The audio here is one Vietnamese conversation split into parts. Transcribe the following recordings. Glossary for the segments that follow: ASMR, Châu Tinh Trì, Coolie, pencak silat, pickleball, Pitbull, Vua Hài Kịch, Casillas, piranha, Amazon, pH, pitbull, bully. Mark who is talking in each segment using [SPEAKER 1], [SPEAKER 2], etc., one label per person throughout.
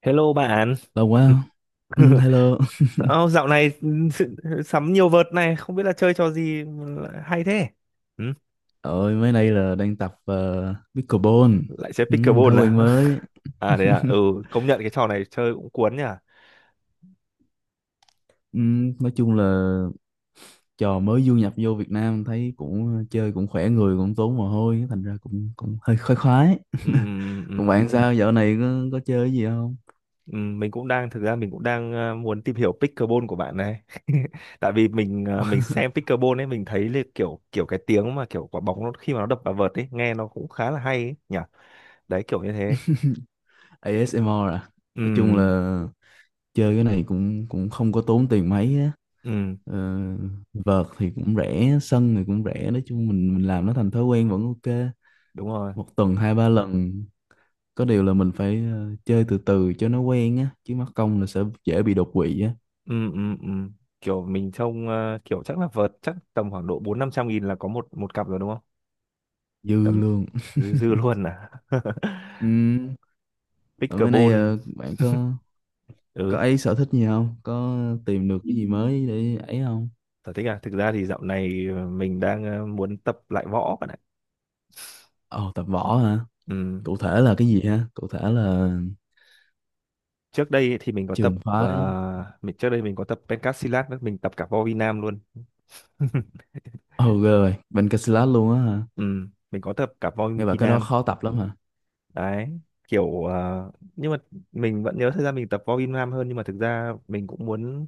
[SPEAKER 1] Hello bạn.
[SPEAKER 2] Lâu quá. Ừ, hello.
[SPEAKER 1] Ô, dạo này sự- sắm nhiều vợt này, không biết là chơi trò gì mà lại hay thế. Ừ,
[SPEAKER 2] Ôi, mấy nay là đang tập pickleball.
[SPEAKER 1] Lại chơi
[SPEAKER 2] Ừ, thói
[SPEAKER 1] pickleball à?
[SPEAKER 2] quen mới.
[SPEAKER 1] À đấy à, ừ, công nhận cái trò này chơi cũng cuốn nhỉ.
[SPEAKER 2] Ừ, nói chung là trò mới du nhập vô Việt Nam thấy cũng chơi cũng khỏe người cũng tốn mồ hôi thành ra cũng cũng hơi khoái khoái.
[SPEAKER 1] Ừ, ừ,
[SPEAKER 2] Còn
[SPEAKER 1] ừ,
[SPEAKER 2] bạn sao dạo này có chơi cái gì không?
[SPEAKER 1] ừ, mình cũng đang thực ra mình cũng đang muốn tìm hiểu pickleball của bạn này. Tại vì mình mình xem pickleball ấy mình thấy là kiểu kiểu cái tiếng mà kiểu quả bóng nó khi mà nó đập vào vợt ấy, nghe nó cũng khá là hay ấy nhỉ. Đấy kiểu như thế.
[SPEAKER 2] ASMR à?
[SPEAKER 1] Ừ,
[SPEAKER 2] Nói chung là chơi cái này cũng cũng không có tốn tiền mấy á.
[SPEAKER 1] ừ,
[SPEAKER 2] Ờ, vợt thì cũng rẻ, sân thì cũng rẻ, nói chung mình làm nó thành thói quen vẫn ok.
[SPEAKER 1] đúng rồi.
[SPEAKER 2] Một tuần hai ba lần, có điều là mình phải chơi từ từ cho nó quen á, chứ mắc công là sẽ dễ bị đột quỵ á.
[SPEAKER 1] Ừ, ừ, ừ, kiểu mình trông kiểu chắc là vợt chắc tầm khoảng độ bốn năm trăm nghìn là có một một cặp rồi đúng không
[SPEAKER 2] Dư
[SPEAKER 1] tầm
[SPEAKER 2] luôn.
[SPEAKER 1] dư dư luôn à.
[SPEAKER 2] Ừm, ở bên đây
[SPEAKER 1] Pickleball.
[SPEAKER 2] bạn
[SPEAKER 1] Ừ.
[SPEAKER 2] có ấy sở thích gì không, có tìm được cái gì mới để ấy không?
[SPEAKER 1] Sở thích à, thực ra thì dạo này mình đang muốn tập lại võ bạn ạ.
[SPEAKER 2] Ồ tập võ hả?
[SPEAKER 1] Ừ.
[SPEAKER 2] Cụ thể là cái gì ha, cụ thể là
[SPEAKER 1] Trước đây ấy thì mình có tập
[SPEAKER 2] trường phái?
[SPEAKER 1] mình trước đây mình có tập pencak silat nữa, mình tập cả vo vi nam luôn.
[SPEAKER 2] Ồ ghê, rồi bên Casillas luôn á hả?
[SPEAKER 1] Ừ. Mình có tập cả vo
[SPEAKER 2] Nghe bảo
[SPEAKER 1] vi
[SPEAKER 2] cái đó
[SPEAKER 1] nam.
[SPEAKER 2] khó tập lắm hả?
[SPEAKER 1] Đấy kiểu nhưng mà mình vẫn nhớ thời gian mình tập vo vi nam hơn, nhưng mà thực ra mình cũng muốn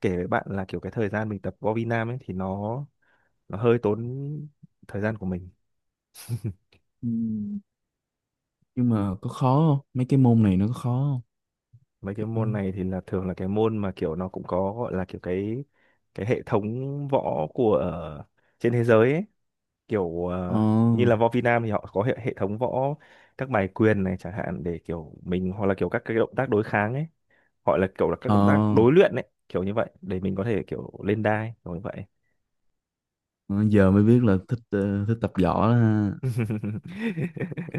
[SPEAKER 1] kể với bạn là kiểu cái thời gian mình tập võ Việt Nam ấy thì nó hơi tốn thời gian của mình.
[SPEAKER 2] Ừ. Nhưng mà có khó không, mấy cái môn này nó có khó không?
[SPEAKER 1] Mấy cái
[SPEAKER 2] Kiểu-
[SPEAKER 1] môn này thì là thường là cái môn mà kiểu nó cũng có gọi là kiểu cái hệ thống võ của trên thế giới ấy kiểu
[SPEAKER 2] ờ
[SPEAKER 1] như là võ Việt Nam thì họ có hệ thống võ, các bài quyền này chẳng hạn để kiểu mình hoặc là kiểu các cái động tác đối kháng ấy, gọi là kiểu là các
[SPEAKER 2] ờ.
[SPEAKER 1] động tác đối luyện ấy kiểu như vậy để mình có thể kiểu lên đai kiểu như vậy.
[SPEAKER 2] Ờ, giờ mới biết là thích thích tập võ đó ha.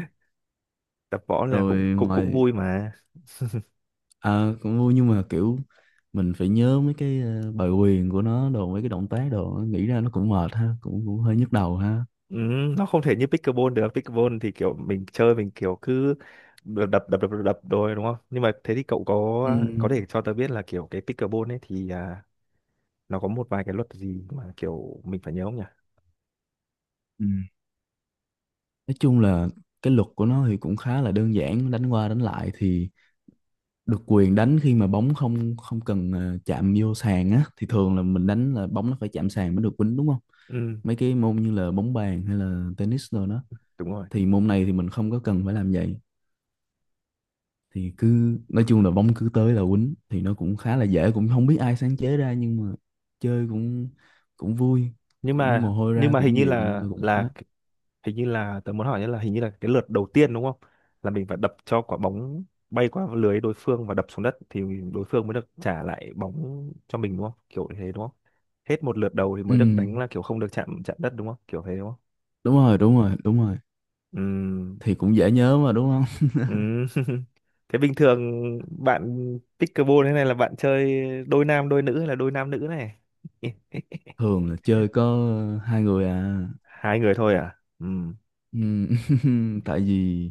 [SPEAKER 1] Tập võ là
[SPEAKER 2] Rồi
[SPEAKER 1] cũng cũng cũng
[SPEAKER 2] ngoài
[SPEAKER 1] vui mà.
[SPEAKER 2] à, cũng vui nhưng mà kiểu mình phải nhớ mấy cái bài quyền của nó đồ, mấy cái động tác đồ, nghĩ ra nó cũng mệt ha, cũng cũng hơi nhức đầu ha.
[SPEAKER 1] Ừ, nó không thể như pickleball được. Pickleball thì kiểu mình chơi mình kiểu cứ đập đập đập đập đập rồi đúng không, nhưng mà thế thì cậu
[SPEAKER 2] Ừ.
[SPEAKER 1] có thể cho tớ biết là kiểu cái pickleball ấy thì nó có một vài cái luật gì mà kiểu mình phải nhớ không nhỉ.
[SPEAKER 2] Ừ. Nói chung là cái luật của nó thì cũng khá là đơn giản, đánh qua đánh lại thì được quyền đánh khi mà bóng không không cần chạm vô sàn á, thì thường là mình đánh là bóng nó phải chạm sàn mới được quýnh đúng không?
[SPEAKER 1] Ừ,
[SPEAKER 2] Mấy cái môn như là bóng bàn hay là tennis rồi đó,
[SPEAKER 1] đúng rồi.
[SPEAKER 2] thì môn này thì mình không có cần phải làm vậy, thì cứ nói chung là bóng cứ tới là quýnh, thì nó cũng khá là dễ, cũng không biết ai sáng chế ra nhưng mà chơi cũng cũng vui,
[SPEAKER 1] nhưng
[SPEAKER 2] cũng
[SPEAKER 1] mà
[SPEAKER 2] mồ hôi
[SPEAKER 1] nhưng
[SPEAKER 2] ra
[SPEAKER 1] mà hình
[SPEAKER 2] cũng
[SPEAKER 1] như
[SPEAKER 2] nhiều nhưng mà cũng khoái.
[SPEAKER 1] là hình như là tớ muốn hỏi là hình như là cái lượt đầu tiên đúng không, là mình phải đập cho quả bóng bay qua lưới đối phương và đập xuống đất thì đối phương mới được trả lại bóng cho mình đúng không kiểu như thế đúng không, hết một lượt đầu thì
[SPEAKER 2] Ừ,
[SPEAKER 1] mới được đánh là kiểu không được chạm chạm đất đúng không kiểu thế đúng không.
[SPEAKER 2] đúng rồi đúng rồi đúng rồi,
[SPEAKER 1] Ừm,
[SPEAKER 2] thì cũng dễ nhớ mà đúng không?
[SPEAKER 1] ừm. Thế bình thường bạn pickleball thế này là bạn chơi đôi nam đôi nữ hay là đôi nam nữ này.
[SPEAKER 2] Thường là chơi có hai người à.
[SPEAKER 1] Hai người thôi à.
[SPEAKER 2] Ừ. Tại vì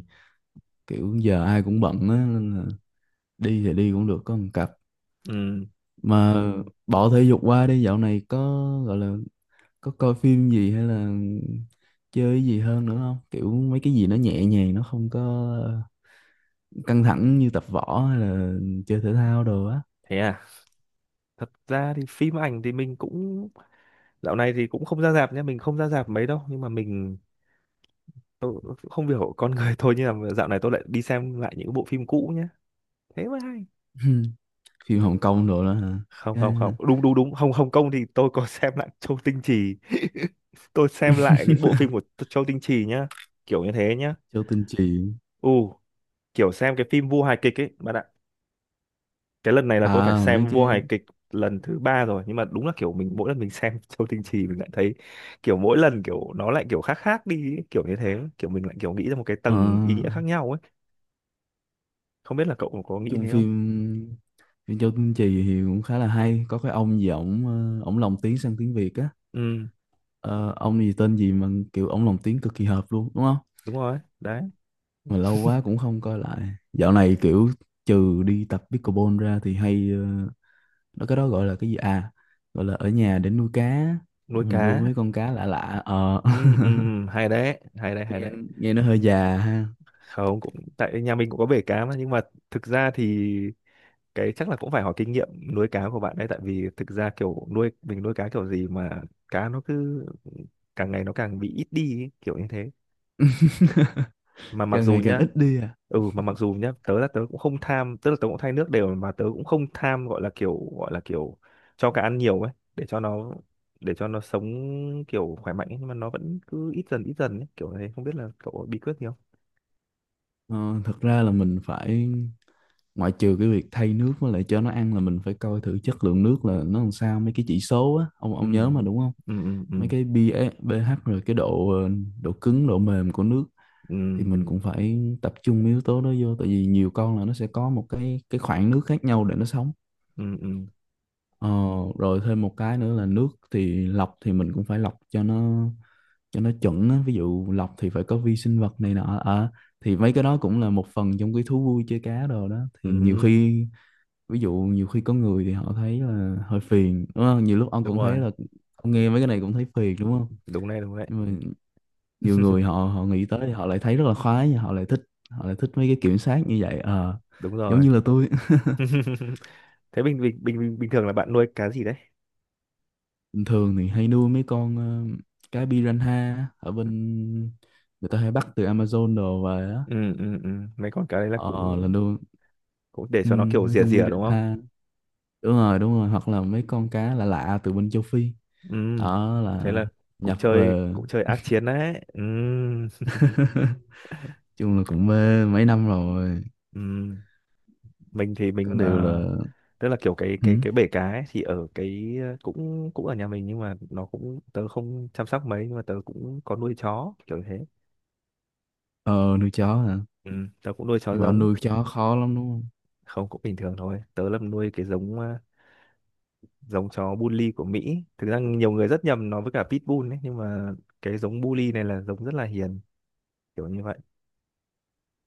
[SPEAKER 2] kiểu giờ ai cũng bận á, nên là đi thì đi cũng được có một cặp.
[SPEAKER 1] ừm,
[SPEAKER 2] Mà bỏ thể dục qua, đi, dạo này có gọi là có coi phim gì hay là chơi cái gì hơn nữa không, kiểu mấy cái gì nó nhẹ nhàng nó không có căng thẳng như tập võ hay là chơi thể thao đồ á.
[SPEAKER 1] thế à, thật ra thì phim ảnh thì mình cũng dạo này thì cũng không ra rạp nhé, mình không ra rạp mấy đâu, nhưng mà mình tôi không hiểu con người thôi nhưng mà dạo này tôi lại đi xem lại những bộ phim cũ nhé. Thế mới hay.
[SPEAKER 2] Phim Hồng Kông đồ đó hả?
[SPEAKER 1] Không không
[SPEAKER 2] Cái
[SPEAKER 1] không, đúng đúng đúng, Hồng Hồng Kông thì tôi có xem lại Châu Tinh Trì. Tôi xem lại những bộ phim của Châu Tinh Trì nhá, kiểu như thế nhá.
[SPEAKER 2] Châu Tinh Trì.
[SPEAKER 1] Ừ, kiểu xem cái phim Vua Hài Kịch ấy, bạn ạ. Cái lần này là tôi phải
[SPEAKER 2] À mấy
[SPEAKER 1] xem vua
[SPEAKER 2] cái
[SPEAKER 1] hài kịch lần thứ ba rồi, nhưng mà đúng là kiểu mình mỗi lần mình xem Châu Tinh Trì mình lại thấy kiểu mỗi lần kiểu nó lại kiểu khác khác đi ấy, kiểu như thế kiểu mình lại kiểu nghĩ ra một cái
[SPEAKER 2] ờ,
[SPEAKER 1] tầng ý nghĩa
[SPEAKER 2] nói
[SPEAKER 1] khác nhau ấy, không biết là cậu có nghĩ
[SPEAKER 2] chung
[SPEAKER 1] thế không.
[SPEAKER 2] phim, phim Châu Tinh Trì thì cũng khá là hay, có cái ông gì, ổng ổng lồng tiếng sang tiếng Việt á.
[SPEAKER 1] Ừ,
[SPEAKER 2] Ờ, ông gì tên gì mà kiểu ổng lồng tiếng cực kỳ hợp luôn đúng không?
[SPEAKER 1] đúng rồi đấy.
[SPEAKER 2] Mà lâu quá cũng không coi lại. Dạo này kiểu trừ đi tập pickleball ra thì hay nó cái đó gọi là cái gì à, gọi là ở nhà để nuôi cá.
[SPEAKER 1] Nuôi
[SPEAKER 2] Mình nuôi
[SPEAKER 1] cá.
[SPEAKER 2] mấy con cá lạ lạ
[SPEAKER 1] Ừ, ừ, hay đấy hay đấy hay
[SPEAKER 2] nghe,
[SPEAKER 1] đấy.
[SPEAKER 2] nghe nó hơi già ha.
[SPEAKER 1] Không, cũng tại nhà mình cũng có bể cá mà, nhưng mà thực ra thì cái chắc là cũng phải hỏi kinh nghiệm nuôi cá của bạn đấy, tại vì thực ra kiểu nuôi mình nuôi cá kiểu gì mà cá nó cứ càng ngày nó càng bị ít đi ấy, kiểu như thế, mà mặc
[SPEAKER 2] Càng
[SPEAKER 1] dù
[SPEAKER 2] ngày càng
[SPEAKER 1] nhá.
[SPEAKER 2] ít đi à?
[SPEAKER 1] Ừ, mà mặc dù nhá tớ là tớ cũng không tham, tức là tớ cũng thay nước đều mà tớ cũng không tham gọi là kiểu cho cá ăn nhiều ấy để cho nó sống kiểu khỏe mạnh ấy, nhưng mà nó vẫn cứ ít dần ấy, kiểu thế không biết là cậu có bí quyết gì không.
[SPEAKER 2] Ờ, thật ra là mình phải, ngoại trừ cái việc thay nước với lại cho nó ăn, là mình phải coi thử chất lượng nước là nó làm sao, mấy cái chỉ số á ông
[SPEAKER 1] Ừ,
[SPEAKER 2] ông nhớ mà đúng không?
[SPEAKER 1] ừ, ừ, ừ,
[SPEAKER 2] Mấy cái pH, pH rồi cái độ độ cứng độ mềm của nước, thì mình cũng
[SPEAKER 1] ừ,
[SPEAKER 2] phải tập trung yếu tố đó vô, tại vì nhiều con là nó sẽ có một cái khoảng nước khác nhau để nó sống.
[SPEAKER 1] ừ, ừ, ừ.
[SPEAKER 2] Ờ, rồi thêm một cái nữa là nước thì lọc, thì mình cũng phải lọc cho nó, cho nó chuẩn á. Ví dụ lọc thì phải có vi sinh vật này nọ. Ờ, thì mấy cái đó cũng là một phần trong cái thú vui chơi cá đồ đó, thì nhiều
[SPEAKER 1] Ừ.
[SPEAKER 2] khi, ví dụ nhiều khi có người thì họ thấy là hơi phiền đúng không, nhiều lúc ông
[SPEAKER 1] Đúng
[SPEAKER 2] cũng thấy
[SPEAKER 1] rồi,
[SPEAKER 2] là ông nghe mấy cái này cũng thấy phiền đúng không?
[SPEAKER 1] đúng này đúng đấy.
[SPEAKER 2] Nhưng mà nhiều người họ họ nghĩ tới thì họ lại thấy rất là khoái, họ lại thích, họ lại thích mấy cái kiểm soát như vậy. Ờ,
[SPEAKER 1] Đúng
[SPEAKER 2] giống
[SPEAKER 1] rồi.
[SPEAKER 2] như là tôi.
[SPEAKER 1] Thế bình bình bình bình thường là bạn nuôi cá gì đấy.
[SPEAKER 2] Bình thường thì hay nuôi mấy con cá piranha, ở bên người ta hay bắt từ Amazon đồ về á.
[SPEAKER 1] Ừ, ừ, ừ, mấy con cá đấy là
[SPEAKER 2] Ờ là
[SPEAKER 1] cũng
[SPEAKER 2] nuôi.
[SPEAKER 1] cũng để cho nó
[SPEAKER 2] Ừm,
[SPEAKER 1] kiểu
[SPEAKER 2] mấy
[SPEAKER 1] rỉa
[SPEAKER 2] con
[SPEAKER 1] rỉa đúng không.
[SPEAKER 2] piranha, đúng rồi đúng rồi, hoặc là mấy con cá lạ lạ từ bên châu Phi,
[SPEAKER 1] Ừ,
[SPEAKER 2] đó
[SPEAKER 1] thế
[SPEAKER 2] là
[SPEAKER 1] là
[SPEAKER 2] nhập về.
[SPEAKER 1] cũng chơi ác chiến đấy. Ừ,
[SPEAKER 2] Chung là cũng mê mấy năm rồi,
[SPEAKER 1] ừ, mình thì
[SPEAKER 2] có
[SPEAKER 1] mình
[SPEAKER 2] điều là...
[SPEAKER 1] tức là kiểu cái cái
[SPEAKER 2] Hử?
[SPEAKER 1] cái bể cá ấy, thì ở cái cũng cũng ở nhà mình nhưng mà nó cũng tớ không chăm sóc mấy, nhưng mà tớ cũng có nuôi chó kiểu thế.
[SPEAKER 2] Ờ nuôi chó hả?
[SPEAKER 1] Ừ, tớ cũng nuôi chó
[SPEAKER 2] Bảo
[SPEAKER 1] giống.
[SPEAKER 2] nuôi chó khó lắm đúng không?
[SPEAKER 1] Không, cũng bình thường thôi, tớ là nuôi cái giống giống chó bully của Mỹ, thực ra nhiều người rất nhầm nó với cả pitbull ấy, nhưng mà cái giống bully này là giống rất là hiền kiểu như vậy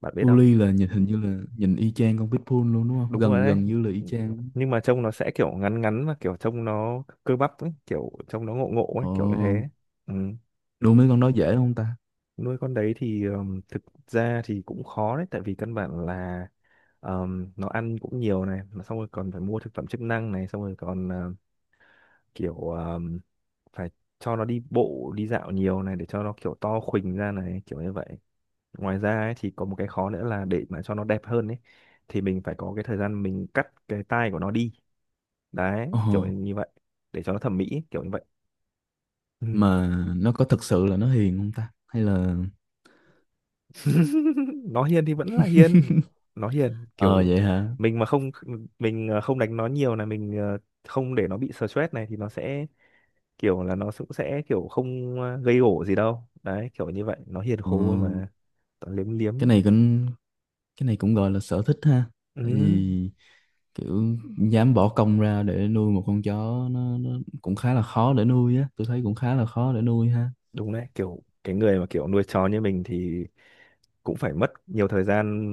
[SPEAKER 1] bạn biết không.
[SPEAKER 2] Coolie là nhìn hình như là nhìn y chang con Pitbull luôn đúng không?
[SPEAKER 1] Đúng rồi
[SPEAKER 2] Gần
[SPEAKER 1] đấy,
[SPEAKER 2] gần như là y chang luôn.
[SPEAKER 1] nhưng mà trông nó sẽ kiểu ngắn ngắn và kiểu trông nó cơ bắp ấy kiểu trông nó ngộ ngộ ấy
[SPEAKER 2] Ồ,
[SPEAKER 1] kiểu như thế. Ừ.
[SPEAKER 2] nuôi mấy con đó dễ không ta?
[SPEAKER 1] Nuôi con đấy thì thực ra thì cũng khó đấy, tại vì căn bản là nó ăn cũng nhiều này, mà xong rồi còn phải mua thực phẩm chức năng này xong rồi còn kiểu phải cho nó đi bộ đi dạo nhiều này để cho nó kiểu to khuỳnh ra này kiểu như vậy. Ngoài ra ấy, thì có một cái khó nữa là để mà cho nó đẹp hơn ấy thì mình phải có cái thời gian mình cắt cái tai của nó đi, đấy
[SPEAKER 2] Ồ,
[SPEAKER 1] kiểu như vậy, để cho nó thẩm mỹ ấy, kiểu như vậy. Ừ.
[SPEAKER 2] mà nó có thật sự là nó hiền không ta? Hay là...
[SPEAKER 1] Nó hiền thì vẫn là hiền, nó hiền
[SPEAKER 2] Ờ
[SPEAKER 1] kiểu
[SPEAKER 2] vậy hả?
[SPEAKER 1] mình mà không mình không đánh nó nhiều này mình không để nó bị stress này thì nó sẽ kiểu là nó cũng sẽ kiểu không gây gổ gì đâu đấy kiểu như vậy, nó hiền
[SPEAKER 2] Ờ,
[SPEAKER 1] khô mà, toàn liếm
[SPEAKER 2] cái
[SPEAKER 1] liếm.
[SPEAKER 2] này cũng cái này cũng gọi là sở thích ha. Tại
[SPEAKER 1] Ừ,
[SPEAKER 2] vì kiểu dám bỏ công ra để nuôi một con chó, nó cũng khá là khó để nuôi á. Tôi thấy cũng khá là khó để nuôi ha.
[SPEAKER 1] đúng đấy, kiểu cái người mà kiểu nuôi chó như mình thì cũng phải mất nhiều thời gian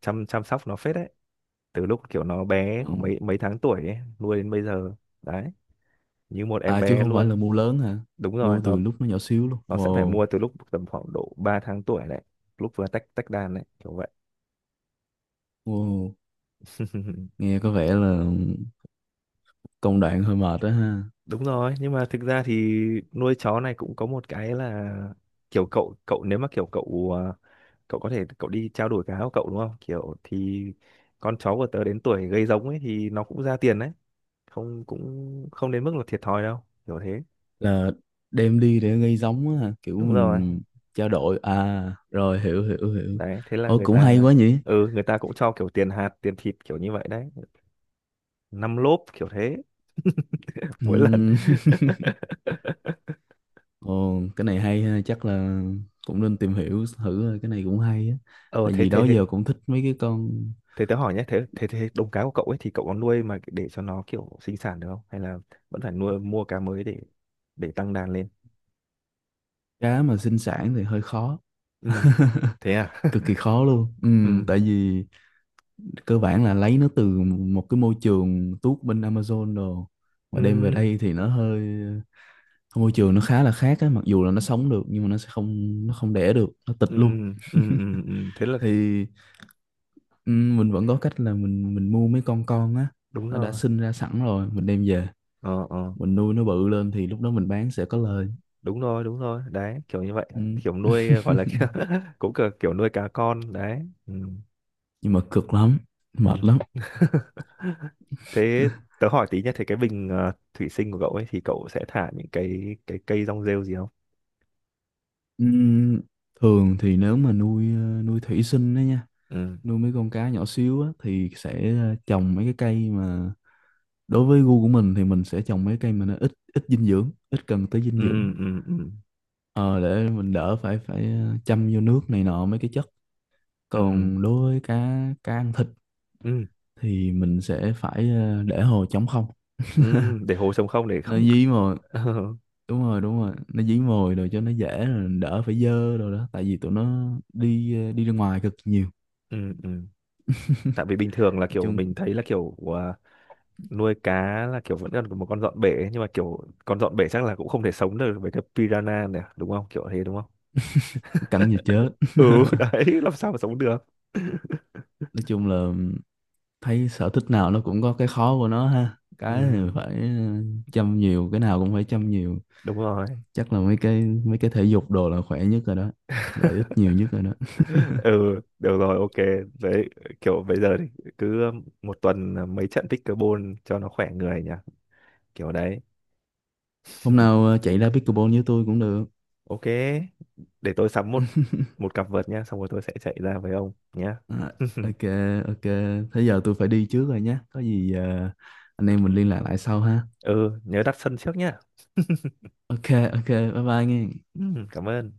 [SPEAKER 1] chăm chăm sóc nó phết đấy, từ lúc kiểu nó bé
[SPEAKER 2] Ừ.
[SPEAKER 1] khoảng mấy mấy tháng tuổi ấy, nuôi đến bây giờ, đấy như một em
[SPEAKER 2] À chứ
[SPEAKER 1] bé
[SPEAKER 2] không phải là
[SPEAKER 1] luôn.
[SPEAKER 2] mua lớn hả?
[SPEAKER 1] Đúng rồi,
[SPEAKER 2] Mua từ lúc nó nhỏ xíu luôn.
[SPEAKER 1] nó sẽ phải
[SPEAKER 2] Wow.
[SPEAKER 1] mua từ lúc tầm khoảng độ 3 tháng tuổi đấy, lúc vừa tách tách đàn đấy kiểu vậy.
[SPEAKER 2] Wow. Nghe có vẻ là công đoạn hơi mệt đó ha.
[SPEAKER 1] Đúng rồi, nhưng mà thực ra thì nuôi chó này cũng có một cái là kiểu cậu cậu nếu mà kiểu cậu cậu có thể cậu đi trao đổi cá của cậu đúng không, kiểu thì con chó của tớ đến tuổi gây giống ấy thì nó cũng ra tiền đấy, không cũng không đến mức là thiệt thòi đâu kiểu thế.
[SPEAKER 2] Là đem đi để gây giống á ha, kiểu
[SPEAKER 1] Đúng rồi
[SPEAKER 2] mình trao đổi à, rồi hiểu hiểu hiểu.
[SPEAKER 1] đấy, thế là
[SPEAKER 2] Ô
[SPEAKER 1] người
[SPEAKER 2] cũng hay
[SPEAKER 1] ta.
[SPEAKER 2] quá nhỉ.
[SPEAKER 1] Ừ, người ta cũng cho kiểu tiền hạt tiền thịt kiểu như vậy đấy, năm lốp kiểu thế. Mỗi lần.
[SPEAKER 2] Ừm. Ồ cái này hay ha, chắc là cũng nên tìm hiểu thử thôi, cái này cũng hay á.
[SPEAKER 1] Ờ,
[SPEAKER 2] Tại
[SPEAKER 1] thế
[SPEAKER 2] vì
[SPEAKER 1] thế
[SPEAKER 2] đó
[SPEAKER 1] thế
[SPEAKER 2] giờ cũng thích mấy cái con.
[SPEAKER 1] thế tớ hỏi nhé, thế thế thế đồng cá của cậu ấy thì cậu có nuôi mà để cho nó kiểu sinh sản được không, hay là vẫn phải nuôi mua cá mới để tăng đàn lên.
[SPEAKER 2] Cá mà sinh sản thì hơi khó.
[SPEAKER 1] Ừ, thế à,
[SPEAKER 2] Cực kỳ khó luôn.
[SPEAKER 1] ừ
[SPEAKER 2] Tại vì cơ bản là lấy nó từ một cái môi trường tuốt bên Amazon đồ mà đem về
[SPEAKER 1] ừ
[SPEAKER 2] đây thì nó hơi, môi trường nó khá là khác á, mặc dù là nó sống được nhưng mà nó sẽ không, nó không đẻ được, nó tịch
[SPEAKER 1] ừ
[SPEAKER 2] luôn.
[SPEAKER 1] ừ ừ ừ thế là
[SPEAKER 2] Thì mình vẫn có cách là mình mua mấy con á,
[SPEAKER 1] đúng
[SPEAKER 2] nó đã
[SPEAKER 1] rồi,
[SPEAKER 2] sinh ra sẵn rồi mình đem về,
[SPEAKER 1] ờ ờ
[SPEAKER 2] mình nuôi nó bự lên thì lúc đó mình bán sẽ có lời.
[SPEAKER 1] đúng rồi đấy kiểu như vậy,
[SPEAKER 2] Ừm.
[SPEAKER 1] kiểu nuôi gọi là kiểu, cũng kiểu, kiểu nuôi cá con đấy. Ừ,
[SPEAKER 2] Nhưng mà cực lắm, mệt
[SPEAKER 1] ừ,
[SPEAKER 2] lắm.
[SPEAKER 1] thế tớ hỏi tí nhé, thế cái bình thủy sinh của cậu ấy thì cậu sẽ thả những cái cây rong rêu gì không.
[SPEAKER 2] Ừm, thường thì nếu mà nuôi nuôi thủy sinh đó nha,
[SPEAKER 1] Ừ,
[SPEAKER 2] nuôi mấy con cá nhỏ xíu á, thì sẽ trồng mấy cái cây mà, đối với gu của mình thì mình sẽ trồng mấy cây mà nó ít, ít dinh dưỡng, ít cần tới dinh dưỡng.
[SPEAKER 1] ừ, ừ, ừ,
[SPEAKER 2] Ờ, để mình đỡ phải phải chăm vô nước này nọ mấy cái chất.
[SPEAKER 1] ừ,
[SPEAKER 2] Còn đối với cá cá ăn thịt
[SPEAKER 1] ừ,
[SPEAKER 2] thì mình sẽ phải để hồ trống không.
[SPEAKER 1] ừ, để hồ trống không để
[SPEAKER 2] Nó
[SPEAKER 1] không.
[SPEAKER 2] dí mồi. Đúng rồi đúng rồi, nó dí mồi rồi cho nó dễ rồi đỡ phải dơ rồi đó, tại vì tụi nó đi đi ra ngoài cực nhiều.
[SPEAKER 1] Ừ, ừ, tại vì bình thường là
[SPEAKER 2] Nói
[SPEAKER 1] kiểu
[SPEAKER 2] chung
[SPEAKER 1] mình thấy là kiểu nuôi cá là kiểu vẫn còn một con dọn bể ấy, nhưng mà kiểu con dọn bể chắc là cũng không thể sống được với cái piranha này đúng không kiểu thế đúng không.
[SPEAKER 2] cắn như chết.
[SPEAKER 1] Ừ, đấy làm sao mà sống được.
[SPEAKER 2] Nói chung là thấy sở thích nào nó cũng có cái khó của nó ha,
[SPEAKER 1] Ừ,
[SPEAKER 2] cái thì phải ừ, chăm nhiều, cái nào cũng phải chăm nhiều.
[SPEAKER 1] đúng rồi.
[SPEAKER 2] Chắc là mấy cái thể dục đồ là khỏe nhất rồi đó, lợi ích nhiều nhất rồi đó.
[SPEAKER 1] Ừ, được rồi, ok, đấy kiểu bây giờ thì cứ một tuần là mấy trận pickleball cho nó khỏe người nhỉ, kiểu đấy.
[SPEAKER 2] Hôm nào chạy ra pickleball với tôi cũng được.
[SPEAKER 1] Ok, để tôi sắm một một cặp vợt nhá xong rồi tôi sẽ chạy ra với ông nhá.
[SPEAKER 2] À, ok. Ok. Thế giờ tôi phải đi trước rồi nhé, có gì anh em mình liên lạc lại sau ha.
[SPEAKER 1] Ừ, nhớ đặt sân trước nhá.
[SPEAKER 2] Ok. Ok. Bye bye nghe.
[SPEAKER 1] Ừ, cảm ơn.